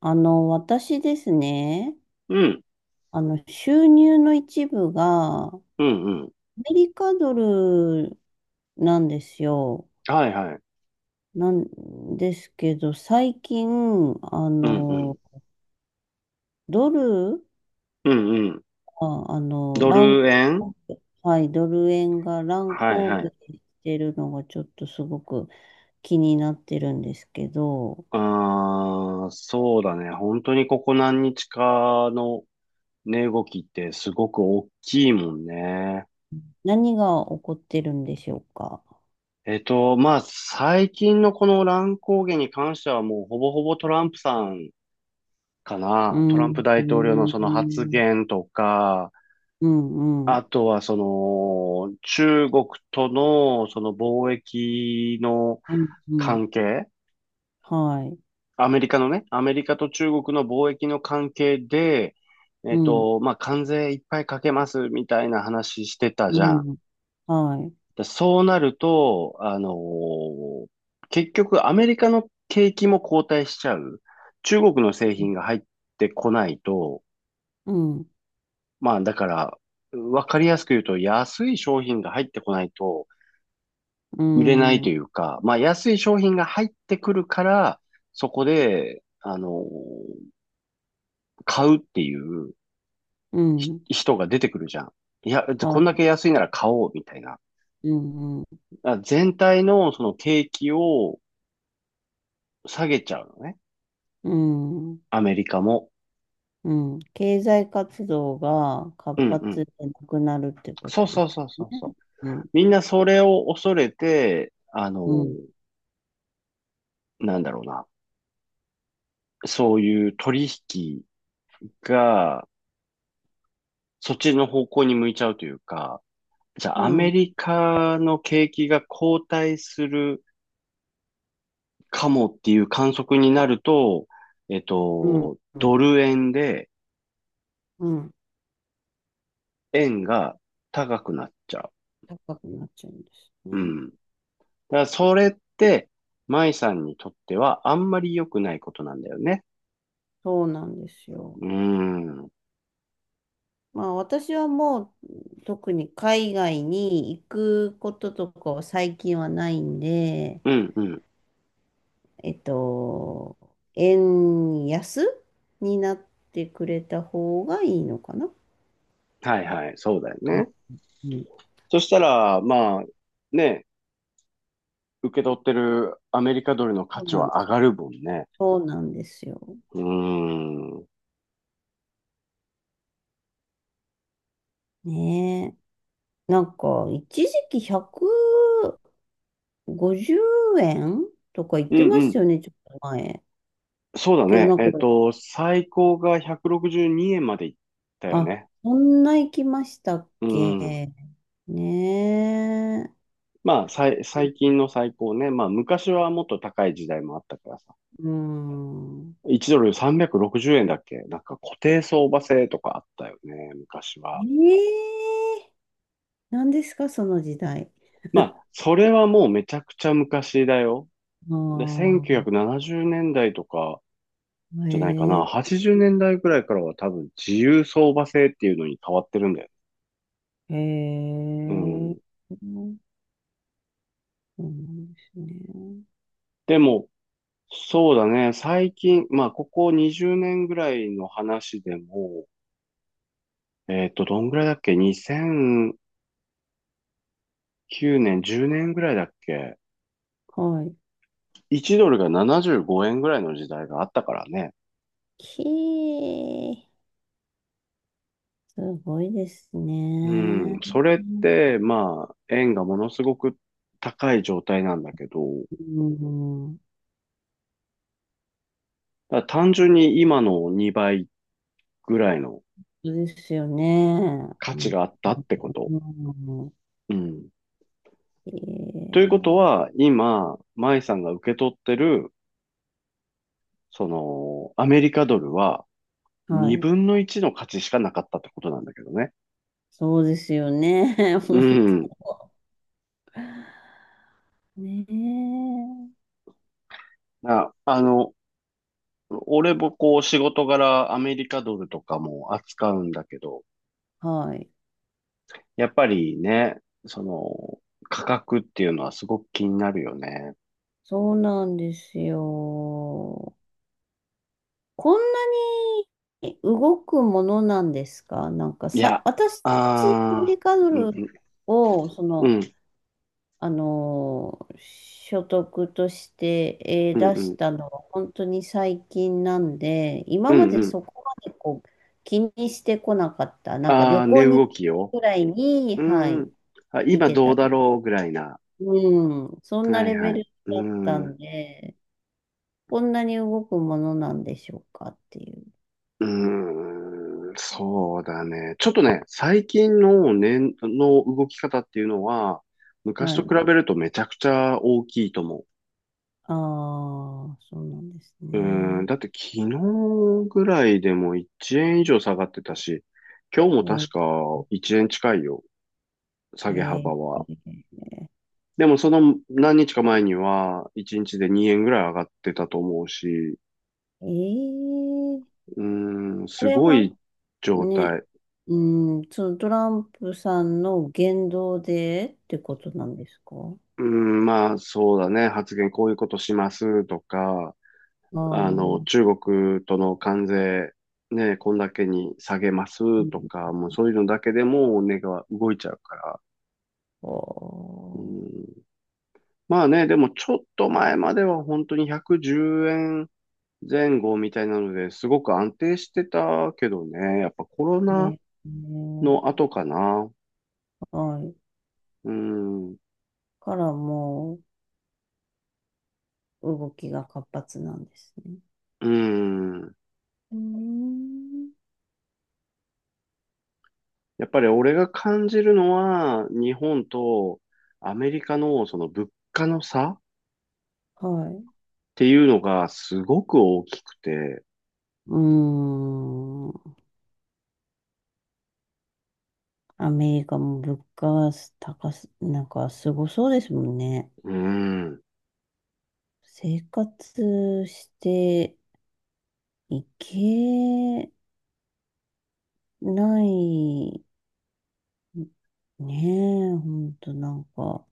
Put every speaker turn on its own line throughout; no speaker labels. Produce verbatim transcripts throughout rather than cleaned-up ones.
あの、私ですね、
うん、
あの、収入の一部がア
うん、うん。
メリカドルなんですよ。
はいはい。
なんですけど、最近、あ
うん、う
の、
ん。
ドル
うん、うん。
が、あの、
ド
乱、
ル円。
はい、ドル円が乱
はい
高
は
下
い。
してるのがちょっとすごく気になってるんですけど、
ああ、そうだね。本当にここ何日かの値動きってすごく大きいもんね。
何が起こってるんでしょうか。
えっと、まあ、最近のこの乱高下に関してはもうほぼほぼトランプさんか
う
な。ト
ん、
ランプ
う
大統領の
ん、
その
う
発
ん、
言とか、
うん、
あとはその中国とのその貿易の
うん、うん
関係、
はい。
アメリカのね、アメリカと中国の貿易の関係で、え
う
っ
ん、
と、まあ、関税いっぱいかけますみたいな話してた
う
じゃん。
ん、はい。
でそうなると、あのー結局アメリカの景気も後退しちゃう。中国の製品が入ってこないと、
うん、
まあ、だから、わかりやすく言うと、安い商品が入ってこないと
う
売れないと
ん、
いうか、まあ、安い商品が入ってくるから、そこで、あのー買うっていう、
う
ひ
ん、
人が出てくるじゃん。いや、こんだ
は
け安いなら買おうみたいな。
い。うん、うん、
あ全体のその景気を下げちゃうのね。
うん。
アメリカも。
うん、経済活動が
う
活
んうん。
発でなくなるってこ
そう
とで
そ
す
うそうそう
ね。
そう。
うん、
みんなそれを恐れて、あの、
うん、
なんだろうな。そういう取引がそっちの方向に向いちゃうというか、じゃ
う
あアメ
ん、
リカの景気が後退するかもっていう観測になると、えっ
うん、
と、ドル円で
うん。
円が高くなっちゃう。
高くなっちゃうんです
う
ね。
ん。だからそれって、舞さんにとってはあんまり良くないことなんだよね。
そうなんですよ。
うん。う
まあ私はもう特に海外に行くこととかは最近はないんで、
んうん。
えっと、円安になってくれた方がいいのかな。
はいはい。そうだよ
うん、
ね。
うん、
そしたら、まあ、ね、受け取ってるアメリカドルの価
そう
値
なん
は
で
上
す。
がるもんね。
そうなんですよ。
うーん。うん
ねえ。なんか、一時期ひゃくごじゅうえんとか言っ
う
てまし
ん。
たよね、ちょっと前。
そうだ
けど
ね。
なんか、
えっと、最高がひゃくろくじゅうにえんまでいったよ
あ、
ね。
そんな行きましたっ
うん。
け。ね
まあ、さい、最近の最高ね。まあ、昔はもっと高い時代もあったからさ。
え。うん。
いちドルさんびゃくろくじゅうえんだっけ。なんか固定相場制とかあったよね、昔は。
ええ。何ですか、その時代。
まあ、それはもうめちゃくちゃ昔だよ。
あ
で、1970
あ。
年代とか
へ
じゃないかな。
え、
はちじゅうねんだいぐらいからは多分自由相場制っていうのに変わってるんだよ。
へ
う
え、
ん。
そうなんですね。
でも、そうだね。最近、まあ、ここにじゅうねんぐらいの話でも、えっと、どんぐらいだっけ？ にせんきゅう 年、じゅうねんぐらいだっけ？
はい。
いち ドルがななじゅうごえんぐらいの時代があったからね。
き、すごいです
うん、
ね。
それっ
うん、
て、まあ、円がものすごく高い状態なんだけど、だから単純に今のにばいぐらいの
そうですよね。
価
う
値
ん、
があったってこと。
うん、
うん。
え
ということ
ー、
は、今、舞さんが受け取ってる、その、アメリカドルは
はい。
にぶんのいちの価値しかなかったってことなんだけどね。
そうですよね。
う
本当。
ん。
ねえ。
あ、あの、俺もこう仕事柄アメリカドルとかも扱うんだけど、
はい。
やっぱりね、その、価格っていうのはすごく気になるよね。
そうなんですよ。こんなに動くものなんですか？なんか
いや、
さ、私、アメ
ああ、
リカド
うん
ルを、そ
うん、
の、
うん、
あのー、所得として、えー
う
出し
ん、
たのは本当に最近なんで、
う
今ま
ん、う
で
ん。
そこまでこう気にしてこなかった。なんか
あ
旅
あ、
行
値
に
動
行
き
く時
よ。
くらいに、
う
は
ん、う
い、
ん。あ、
見
今
て
どう
た
だ
んだ。
ろうぐらいな。
うん、そんな
はい
レ
は
ベ
い。
ル
う
だった
ん、う
んで、こんなに動くものなんでしょうかっていう。
ーん、そうだね。ちょっとね、最近の値の動き方っていうのは、昔
は
と比
い。
べるとめちゃくちゃ大きいと思う。
ああ、そうなんです
うー
ね。
ん、だって昨日ぐらいでもいちえん以上下がってたし、今日も
え
確
ー、
かいちえん近いよ、下げ
え
幅は。
ー、
でもその何日か前にはいちにちでにえんぐらい上がってたと思うし、
えー、
うーん、
あ
す
れ
ご
は
い状
ね、
態。
うん、そのトランプさんの言動でってことなんですか？あ
うーん、まあそうだね、発言こういうことしますとか、
あ、
あの、
う
中国との関税、ね、こんだけに下げますと
ん、
か、もうそういうのだけでも値が動いちゃうから。う
こ
ん。まあね、でもちょっと前までは本当にひゃくじゅうえん後みたいなので、すごく安定してたけどね、やっぱコロナ
う、え
の
え、
後かな。
はい。
うん、
からもう動きが活発なんですね。
うん。
うーん、
やっぱり俺が感じるのは、日本とアメリカのその物価の差っ
はい。
ていうのがすごく大きくて、
うーん。アメリカも物価は高す、なんかすごそうですもんね。
うん。
生活していけない、ねえ、ほんとなんか、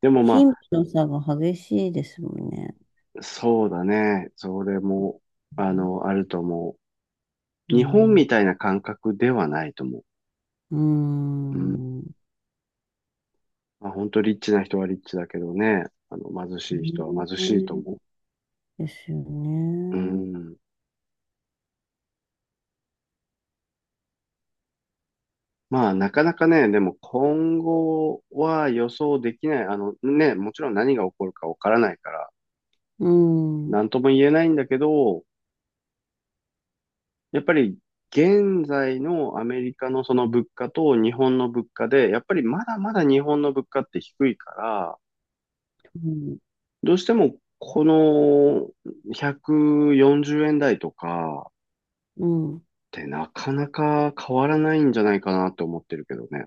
でもま
貧富
あ、
の差が激しいですもんね。
そうだね。それも、あの、あると思
う
う。日本
ん、
みたいな感覚ではないと思
う
う。うん。
ん、
まあ本当リッチな人はリッチだけどね、あの貧しい人は貧
ね
しいと思
えですよ
う。う
ね。
ん。まあなかなかね、でも今後は予想できない。あのね、もちろん何が起こるかわからないから、
うん、
な
う
んとも言えないんだけど、やっぱり現在のアメリカのその物価と日本の物価で、やっぱりまだまだ日本の物価って低いから、
ん、
どうしてもこのひゃくよんじゅうえん台とか、
うん。
てなかなか変わらないんじゃないかなって思ってるけどね。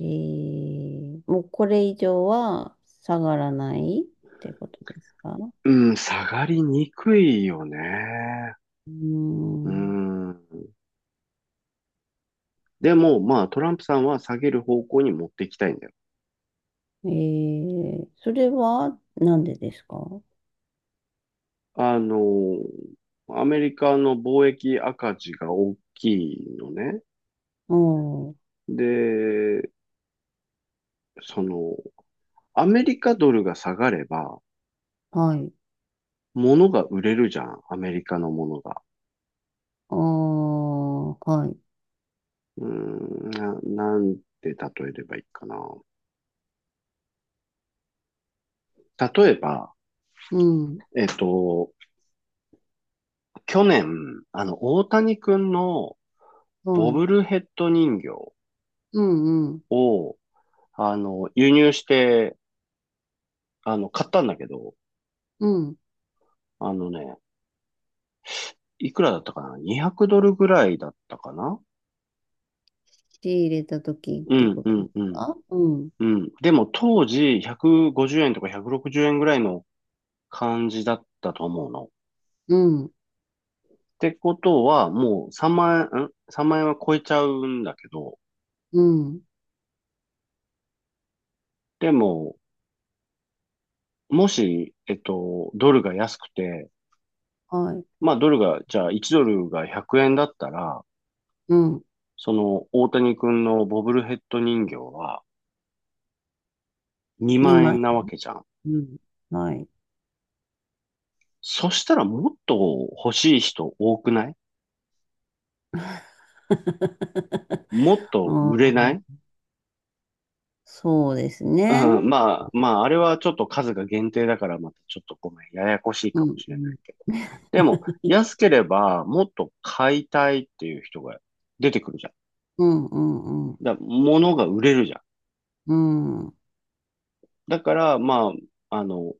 えー、もうこれ以上は下がらないってことですか？
うん、下がりにくいよね。
うー
う
ん。
ん。でも、まあ、トランプさんは下げる方向に持っていきたいんだよ。
えー、それはなんでですか？
あの、アメリカの貿易赤字が大きいのね。
うん。
で、その、アメリカドルが下がれば、
はい。
物が売れるじゃん。アメリカのものが。
ああ、はい。
うーん、な、なんて例えればいいかな。例えば、
うん。
えっと、去年、あの、大谷くんの
は
ボ
い。
ブルヘッド人形
うん、うん。
を、あの、輸入して、あの、買ったんだけど、
うん。
あのね、いくらだったかな？ にひゃく ドルぐらいだったかな。
仕入れたとき
う
って
ん、
こ
う
とで
ん、
す
うん、
か？うん。
うん。でも当時、ひゃくごじゅうえんとかひゃくろくじゅうえんぐらいの感じだったと思うの。っ
うん。
てことは、もうさんまん円、ん？ さん 万円は超えちゃうんだけど、
うん。
でも、もし、えっと、ドルが安くて、
はい。
まあ、ドルが、じゃあいちドルがひゃくえんだったら、
うん。
その大谷君のボブルヘッド人形はにまん
にまい。
円なわけじゃん。
うん。はい。
そしたらもっと欲しい人多くない？ もっと売
あ
れない？
あ、そうです
う
ね。
ん、まあ、まあ、あれはちょっと数が限定だから、またちょっとごめん、ややこしい
う
かも
ん。
し
う
れない
ん、
けど。でも、安ければ、もっと買いたいっていう人が出てくるじゃん。
うん、うん、うん。
だ、物が売れるじゃん。
うん。
だから、まあ、あの、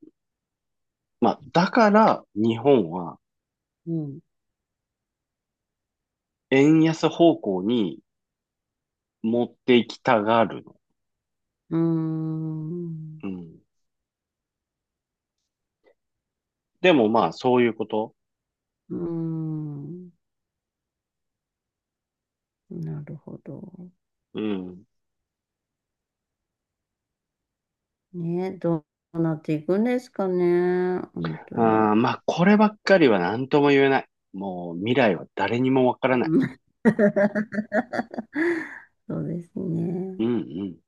まあ、だから、日本は円安方向に持っていきたがるの。
うん。
うん。でもまあ、そういうこと。
うん。なるほど。
うん。
ね、どうなっていくんですかね。本当
あ
に。
ーまあ、こればっかりは何とも言えない。もう、未来は誰にもわからない。
うん。 そうです
う
ね。
んうん。